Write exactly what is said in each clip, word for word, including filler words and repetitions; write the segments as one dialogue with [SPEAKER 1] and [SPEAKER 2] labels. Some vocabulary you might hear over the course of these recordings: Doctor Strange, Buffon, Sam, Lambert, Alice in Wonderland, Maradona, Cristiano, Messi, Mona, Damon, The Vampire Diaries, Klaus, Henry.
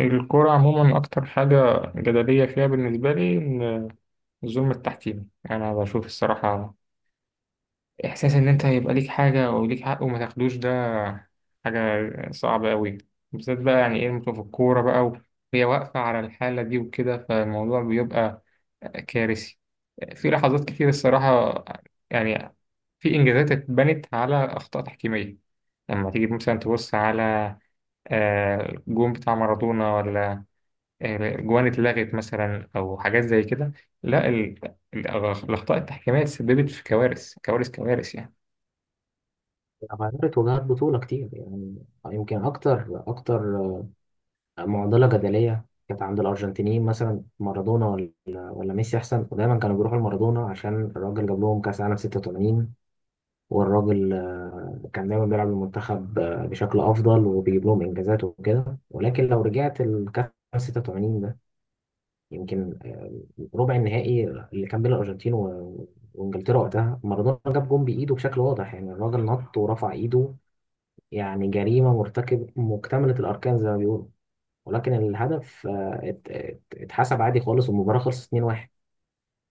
[SPEAKER 1] الكورة عموما أكتر حاجة جدلية فيها بالنسبة لي إن الظلم التحكيمي، أنا بشوف الصراحة إحساس إن أنت يبقى ليك حاجة أو ليك حق وما تاخدوش، ده حاجة صعبة أوي بالذات بقى، يعني إيه ممكن في الكورة بقى وهي واقفة على الحالة دي وكده، فالموضوع بيبقى كارثي في لحظات كتير الصراحة. يعني في إنجازات اتبنت على أخطاء تحكيمية، لما تيجي مثلا تبص على آه، الجون بتاع مارادونا ولا آه، جوان اتلغت مثلا او حاجات زي كده. لا، ال- الأغ- الاخطاء التحكيميه سببت في كوارث كوارث كوارث يعني.
[SPEAKER 2] عملت وجهات بطولة كتير يعني يمكن أكتر أكتر معضلة جدلية كانت عند الأرجنتينيين مثلا مارادونا ولا ولا ميسي أحسن، ودايما كانوا بيروحوا لمارادونا عشان الراجل جاب لهم كأس عالم ستة وتمانين. والراجل آه، كان دايما بيلعب المنتخب آه، بشكل أفضل وبيجيب لهم إنجازات وكده، ولكن لو رجعت الكأس ستة وتمانين ده يمكن آه، ربع النهائي اللي كان بين الأرجنتين و- وإنجلترا، وقتها مارادونا جاب جون بإيده بشكل واضح، يعني الراجل نط ورفع إيده، يعني جريمة مرتكب مكتملة الأركان زي ما بيقولوا، ولكن الهدف آه، ات- ات- اتحسب عادي خالص والمباراة خلصت اتنين واحد.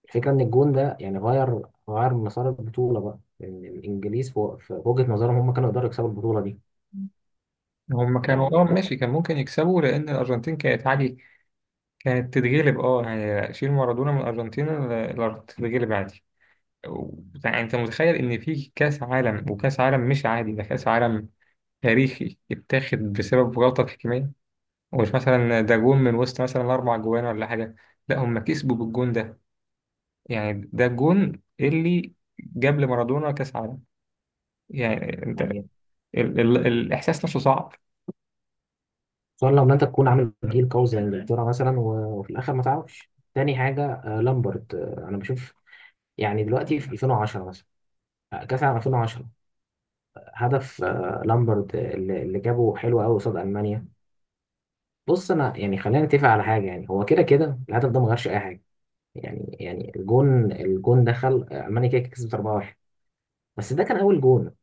[SPEAKER 2] الفكرة إن الجون ده يعني غير غير مسار البطولة، بقى إن الإنجليز في في وجهة نظرهم هم كانوا يقدروا يكسبوا البطولة دي.
[SPEAKER 1] هم كانوا، اه
[SPEAKER 2] يعني
[SPEAKER 1] ماشي كان ممكن يكسبوا لان الارجنتين كانت عادي كانت تتغلب. اه يعني شيل مارادونا من الارجنتين، ال- الارجنتين تتغلب عادي. و- يعني انت متخيل ان في كاس عالم، وكاس عالم مش عادي، ده كاس عالم تاريخي اتاخد بسبب غلطه تحكيميه. ومش مثلا ده جون من وسط مثلا اربع جوان ولا حاجه، لا هم كسبوا بالجون ده. يعني ده الجون اللي جاب لمارادونا كاس عالم. يعني انت
[SPEAKER 2] يعني
[SPEAKER 1] ال ال الاحساس نفسه صعب.
[SPEAKER 2] خصوصا لو إن أنت تكون عامل جيل قوي زي إنجلترا مثلا، و- وفي الآخر ما تعرفش تاني حاجة، آه، لامبرت. آه، أنا بشوف يعني دلوقتي في ألفين وعشرة مثلا، آه، كأس العالم ألفين وعشرة، هدف آه، لامبرت آه، اللي اللي جابه حلو قوي قصاد ألمانيا. بص، انا يعني خلينا نتفق على حاجه، يعني هو كده كده الهدف ده ما غيرش اي حاجه، يعني يعني الجون الجون دخل، آه، المانيا كده كده كسبت أربعة واحد، بس ده كان اول جون،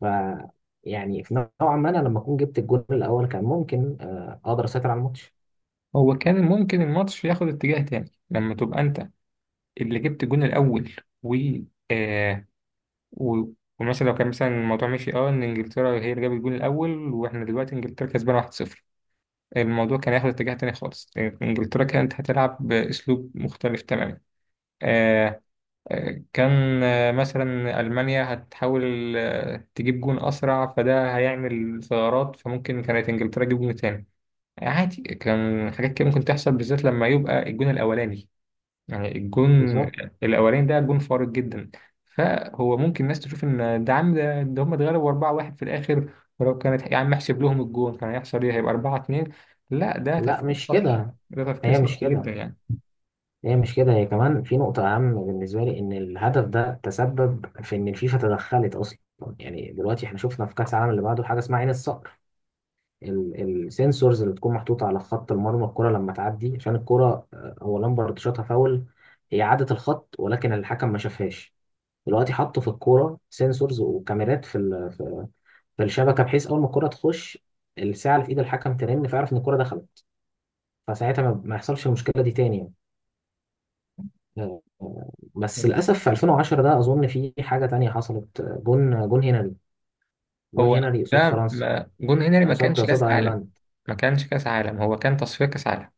[SPEAKER 2] ف يعني في نوعا ما انا لما اكون جبت الجون الاول كان ممكن آه، اقدر اسيطر على الماتش.
[SPEAKER 1] هو كان ممكن الماتش ياخد اتجاه تاني لما تبقى انت اللي جبت الجون الاول. و آه و ومثلا لو كان مثلا الموضوع ماشي، اه ان انجلترا هي اللي جابت الجون الاول واحنا دلوقتي انجلترا كسبانه واحد صفر، الموضوع كان هياخد اتجاه تاني خالص. انجلترا كانت هتلعب باسلوب مختلف تماما. آه كان آه، مثلا ألمانيا هتحاول آه، تجيب جون أسرع فده هيعمل ثغرات، فممكن كانت إنجلترا تجيب جون تاني عادي. كان حاجات كده ممكن تحصل بالذات لما يبقى الجون الأولاني. يعني الجون
[SPEAKER 2] بالظبط.
[SPEAKER 1] الأولاني ده جون فارق جدا. فهو ممكن الناس تشوف إن ده عم ده, ده هم اتغلبوا أربعة واحد في الآخر، ولو كانت يا عم احسب لهم الجون كان هيحصل إيه، هيبقى أربعة اتنين. لا، ده
[SPEAKER 2] لا
[SPEAKER 1] تفكير
[SPEAKER 2] مش
[SPEAKER 1] سطحي،
[SPEAKER 2] كده،
[SPEAKER 1] ده تفكير
[SPEAKER 2] هي مش
[SPEAKER 1] سطحي جدا
[SPEAKER 2] كده
[SPEAKER 1] يعني.
[SPEAKER 2] هي مش كده هي كمان في نقطة أهم بالنسبة لي، إن الهدف ده تسبب في إن الفيفا تدخلت أصلا. يعني دلوقتي إحنا شفنا في كأس العالم اللي بعده حاجة اسمها عين الصقر، السنسورز اللي بتكون محطوطة على خط المرمى، الكرة لما تعدي، عشان الكرة آه، هو لامبرد شاطها فاول، هي عدت الخط ولكن الحكم ما شافهاش. دلوقتي حطوا في الكورة سنسورز وكاميرات في ال- في في الشبكة، بحيث أول ما الكرة تخش، الساعة اللي في إيد الحكم ترن فيعرف إن الكرة دخلت، فساعتها ما ما يحصلش المشكلة دي تاني يعني. آه، آه، بس للأسف في ألفين وعشرة ده أظن في حاجة تانية حصلت، آه، جون جون هنري، جون
[SPEAKER 1] هو
[SPEAKER 2] هنري قصاد
[SPEAKER 1] ده
[SPEAKER 2] فرنسا،
[SPEAKER 1] ما- جون هنري ما
[SPEAKER 2] قصاد
[SPEAKER 1] كانش
[SPEAKER 2] قصاد
[SPEAKER 1] كاس عالم،
[SPEAKER 2] أيرلندا.
[SPEAKER 1] ما كانش كاس عالم، هو كان تصفية كاس عالم.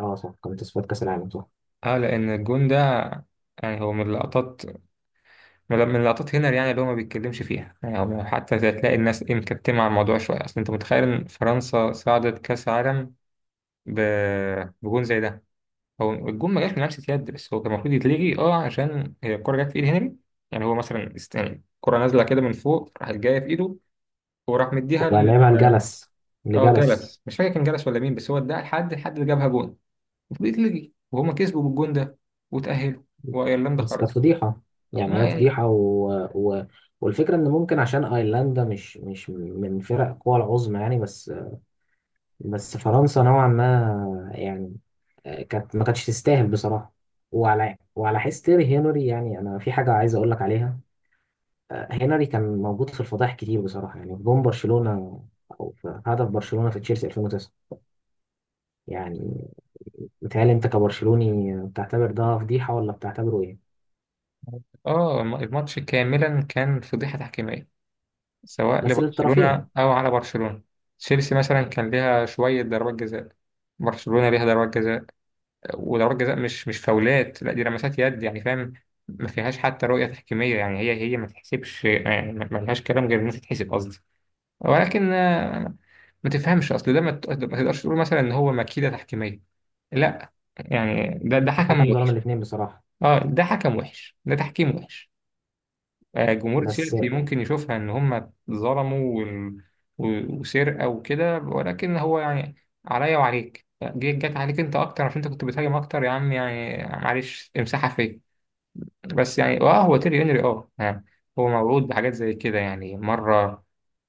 [SPEAKER 2] اه صح، كانت في كأس العالم صح،
[SPEAKER 1] اه لان الجون ده يعني هو من اللقطات، من من اللقطات هنا يعني، اللي هو ما بيتكلمش فيها يعني. هو حتى هتلاقي الناس ايه مكتمة على الموضوع شوية. اصل انت متخيل ان فرنسا صعدت كاس عالم ب... بجون زي ده؟ هو الجون ما جاش من لمسة يد، بس هو كان المفروض يتلغي اه، عشان هي الكرة جت في ايد هنري. يعني هو مثلا است- يعني الكرة نازلة كده من فوق، راحت جاية في ايده وراح مديها ل...
[SPEAKER 2] ولعبها الجلس
[SPEAKER 1] اه
[SPEAKER 2] لجلس.
[SPEAKER 1] جلس، مش فاكر كان جلس ولا مين، بس هو اداها لحد الحد اللي جابها جون. المفروض يتلغي، وهما كسبوا بالجون ده وتأهلوا وايرلندا
[SPEAKER 2] بس كانت
[SPEAKER 1] خرجت.
[SPEAKER 2] فضيحة، يعني
[SPEAKER 1] ما
[SPEAKER 2] هي
[SPEAKER 1] يعني،
[SPEAKER 2] فضيحة و... و... والفكرة إن ممكن عشان أيرلندا مش مش من فرق القوى العظمى يعني، بس بس فرنسا نوعا ما يعني آه، كانت ما كانتش تستاهل بصراحة. وعلى وعلى حس تيري هنري، يعني أنا في حاجة عايز أقول لك عليها. آه، هنري كان موجود في الفضائح كتير بصراحة، يعني في جون برشلونة أو في هدف برشلونة في تشيلسي ألفين وتسعة، يعني متهيألي أنت كبرشلوني بتعتبر ده فضيحة ولا بتعتبره إيه؟
[SPEAKER 1] اه الم- الماتش كاملا كان فضيحة تحكيمية، سواء
[SPEAKER 2] بس
[SPEAKER 1] لبرشلونة
[SPEAKER 2] للطرفين.
[SPEAKER 1] او على برشلونة. تشيلسي مثلا كان ليها شوية ضربات جزاء، برشلونة ليها ضربات جزاء. وضربات جزاء مش مش فاولات، لا دي لمسات يد يعني، فاهم. ما فيهاش حتى رؤية تحكيمية يعني، هي هي ما تحسبش يعني، ما ما لهاش كلام غير انها تتحسب، قصدي. ولكن آه، ما تفهمش، اصل ده ما ت- ما تقدرش تقول مثلا ان هو مكيدة تحكيمية، لا. يعني ده ده حكم
[SPEAKER 2] الحكم ظلم
[SPEAKER 1] وحش.
[SPEAKER 2] الاثنين بصراحة.
[SPEAKER 1] اه ده حكم وحش، ده تحكيم وحش. آه، جمهور
[SPEAKER 2] بس
[SPEAKER 1] تشيلسي ممكن يشوفها ان هم ظلموا وال- و- وسرقه وكده، ولكن هو يعني عليا وعليك، جي- جت عليك انت اكتر عشان انت كنت بتهاجم اكتر، يا عم يعني معلش امسحها فيا. بس يعني اه، هو تيري هنري اه آه، هو موعود بحاجات زي كده، يعني مره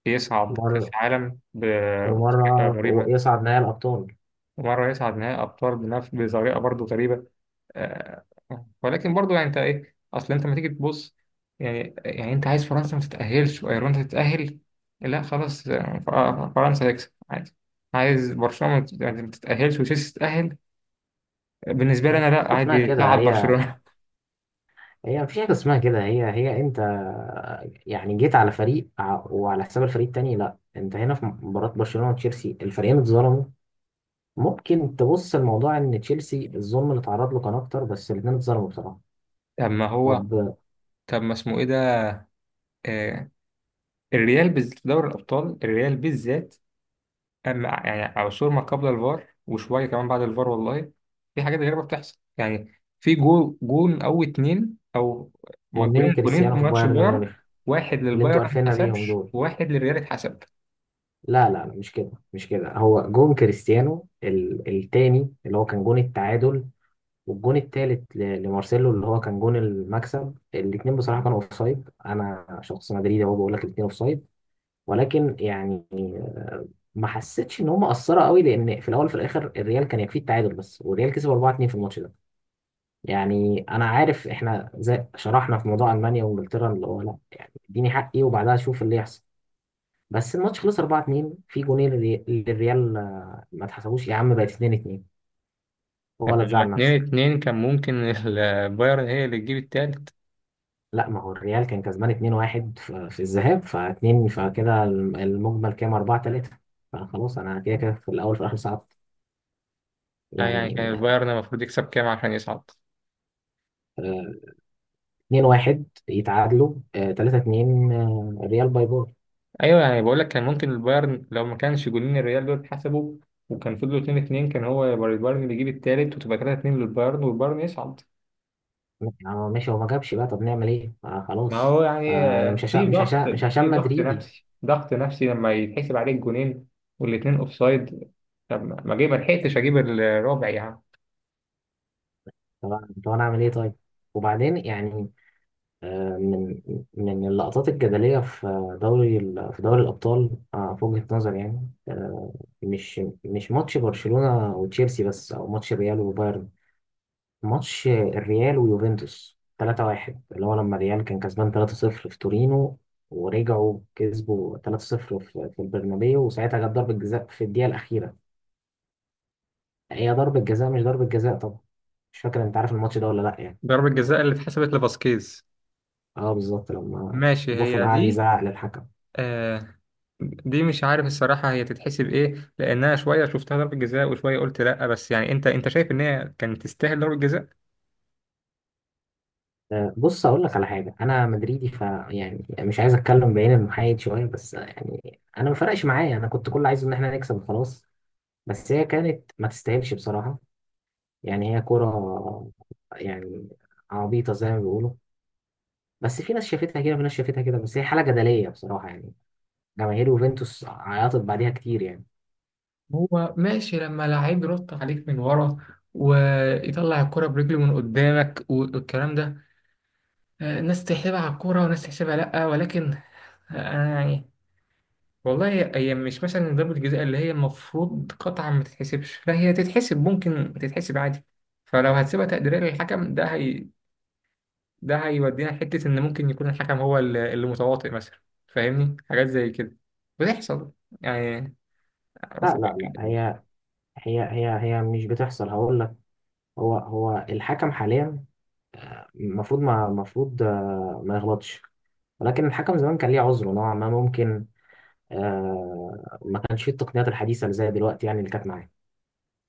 [SPEAKER 1] يصعد كاس
[SPEAKER 2] مرة
[SPEAKER 1] عالم بطريقه
[SPEAKER 2] ومرة
[SPEAKER 1] مريبه،
[SPEAKER 2] يصعد نهائي الأبطال.
[SPEAKER 1] ومره يصعد نهائي ابطال بنفس بطريقه برضه غريبه. آه، ولكن برضو، يعني انت ايه، اصل انت لما تيجي تبص، يعني يعني انت عايز فرنسا ما تتأهلش وايرلندا تتأهل؟ لا خلاص، آه، ف- آه، فرنسا تكسب عادي. عايز برشلونة ما تت- يعني ما تتأهلش وتشيلسي تتأهل؟ بالنسبة لي انا
[SPEAKER 2] مفيش
[SPEAKER 1] لا،
[SPEAKER 2] حاجة اسمها
[SPEAKER 1] عادي
[SPEAKER 2] كده،
[SPEAKER 1] تلعب
[SPEAKER 2] هي
[SPEAKER 1] برشلونة.
[SPEAKER 2] هي مفيش حاجة اسمها كده، هي هي أنت يعني جيت على فريق، ع- وعلى حساب الفريق التاني، لا، أنت هنا في مباراة برشلونة وتشيلسي الفريقين اتظلموا. ممكن تبص الموضوع إن تشيلسي الظلم اللي اتعرض له كان أكتر، بس الاتنين اتظلموا بصراحة.
[SPEAKER 1] طب ما هو،
[SPEAKER 2] طب
[SPEAKER 1] طب ما اسمه ايه ده، آه الريال بز... في دوري الابطال الريال بالذات، أما يعني عصور ما قبل الفار وشوية كمان بعد الفار، والله في حاجات غريبة بتحصل يعني. في جول جون أو اتنين أو ما
[SPEAKER 2] ونين
[SPEAKER 1] جولين، جولين في
[SPEAKER 2] كريستيانو في
[SPEAKER 1] ماتش
[SPEAKER 2] بايرن
[SPEAKER 1] البايرن،
[SPEAKER 2] ميونخ
[SPEAKER 1] واحد
[SPEAKER 2] اللي
[SPEAKER 1] للبايرن
[SPEAKER 2] أنتوا
[SPEAKER 1] ما
[SPEAKER 2] قرفنا بيهم
[SPEAKER 1] اتحسبش
[SPEAKER 2] دول.
[SPEAKER 1] وواحد للريال اتحسب.
[SPEAKER 2] لا لا لا، مش كده، مش كده هو جون كريستيانو ال- التاني اللي هو كان جون التعادل، والجون التالت ل- لمارسيلو اللي هو كان جون المكسب، الاتنين بصراحة كانوا اوفسايد. انا شخص مدريدي اهو بقول لك الاتنين اوفسايد، ولكن يعني ما حسيتش ان هم اثروا قوي، لان في الاول وفي الاخر الريال كان يكفيه التعادل بس، والريال كسب أربعة اتنين في الماتش ده. يعني انا عارف احنا زي شرحنا في موضوع المانيا وانجلترا، اللي هو لا، اديني حقي وبعدها شوف اللي يحصل، بس الماتش خلص أربعة اتنين، في جونين للري- للريال آه، ما اتحسبوش يا عم، بقت اثنين اثنين،
[SPEAKER 1] طب
[SPEAKER 2] ولا
[SPEAKER 1] هما
[SPEAKER 2] تزعل
[SPEAKER 1] اتنين
[SPEAKER 2] نفسك.
[SPEAKER 1] اتنين، كان ممكن البايرن هي اللي تجيب التالت.
[SPEAKER 2] لا، ما هو الريال كان كسبان اثنين واحد في في الذهاب ف2، فكده الم- المجمل كام أربعة تلاتة، فخلاص انا كده كده في الاول في الاخر صعدت
[SPEAKER 1] آه يعني
[SPEAKER 2] يعني.
[SPEAKER 1] كان البايرن المفروض يكسب كام عشان يصعد؟
[SPEAKER 2] آه، اثنين واحد يتعادلوا، آه، ثلاثة اثنين، آه، الريال باي باي.
[SPEAKER 1] أيوة يعني بقول لك، كان ممكن البايرن لو ما كانش جولين الريال دول اتحسبوا، وكان فضلوا اتنين اتنين، كان هو البايرن اللي يجيب التالت، وتبقى تلاتة اتنين للبايرن والبايرن يصعد.
[SPEAKER 2] آه، ماشي، هو ما جابش بقى، طب نعمل ايه، آه،
[SPEAKER 1] ما
[SPEAKER 2] خلاص.
[SPEAKER 1] هو
[SPEAKER 2] آه،
[SPEAKER 1] يعني
[SPEAKER 2] انا مش
[SPEAKER 1] آه، في
[SPEAKER 2] هشام، مش
[SPEAKER 1] ضغط،
[SPEAKER 2] هشام مش
[SPEAKER 1] في
[SPEAKER 2] هشام
[SPEAKER 1] ضغط
[SPEAKER 2] مدريدي.
[SPEAKER 1] نفسي، ضغط نفسي لما يتحسب عليك جونين والاتنين اوفسايد. طب ما ما جي- ما لحقتش اجيب الرابع يعني.
[SPEAKER 2] طب أنا- طب انا اعمل ايه طيب؟ وبعدين يعني آه، من من اللقطات الجدلية في دوري ال- في دوري الأبطال آه، في وجهة نظري يعني، آه، مش مش ماتش برشلونة وتشيلسي بس، أو ماتش ريال وبايرن، ماتش الريال ويوفنتوس تلاتة واحد اللي هو لما الريال كان كسبان ثلاثة صفر في تورينو، ورجعوا كسبوا ثلاثة صفر في في البرنابيو، وساعتها جت ضربة جزاء في الدقيقة الأخيرة. هي ضربة جزاء مش ضربة جزاء طبعا. مش فاكر أنت عارف الماتش ده ولا لأ يعني.
[SPEAKER 1] ضربة جزاء اللي اتحسبت لفاسكيز؟
[SPEAKER 2] أه بالظبط، لما
[SPEAKER 1] ماشي
[SPEAKER 2] بوفون
[SPEAKER 1] هي
[SPEAKER 2] قعد
[SPEAKER 1] دي.
[SPEAKER 2] يزعق للحكم.
[SPEAKER 1] آه، دي مش عارف الصراحة هي تتحسب ايه، لأنها شوية شفتها ضربة جزاء وشوية قلت لأ، بس يعني انت، انت شايف ان هي كانت تستاهل ضربة جزاء؟
[SPEAKER 2] آه، بص اقول لك على حاجه، انا مدريدي ف يعني مش عايز اتكلم بعين المحايد شويه، بس يعني انا ما فرقش معايا، انا كنت كل عايزه ان احنا نكسب وخلاص، بس هي كانت ما تستاهلش بصراحه، يعني هي كره يعني عبيطه زي ما بيقولوا، بس في ناس شافتها كده وفي ناس شافتها كده، بس هي حاله جدليه بصراحه يعني. جماهير يوفنتوس عيطت بعديها كتير يعني.
[SPEAKER 1] هو ماشي لما لعيب يرد عليك من ورا ويطلع الكرة برجله من قدامك والكلام ده، آه، ناس تحسبها على الكورة وناس تحسبها لأ، ولكن آه، أنا يعني والله، هي مش مثلا ضربة جزاء اللي هي المفروض قطعا ما تتحسبش، لا هي تتحسب، ممكن تتحسب عادي. فلو هتسيبها تقديرية للحكم، ده هي ده هيودينا لحتة إن ممكن يكون الحكم هو ال- اللي متواطئ مثلا، فاهمني؟ حاجات زي كده بتحصل يعني.
[SPEAKER 2] لا لا لا،
[SPEAKER 1] أصل-
[SPEAKER 2] هي هي هي هي مش بتحصل، هقول لك. هو هو الحكم حاليا المفروض ما المفروض آه، ما يغلطش، ولكن الحكم زمان كان ليه عذره نوعا ما، ممكن آه ما كانش فيه التقنيات الحديثة اللي زي دلوقتي يعني اللي كانت معاه.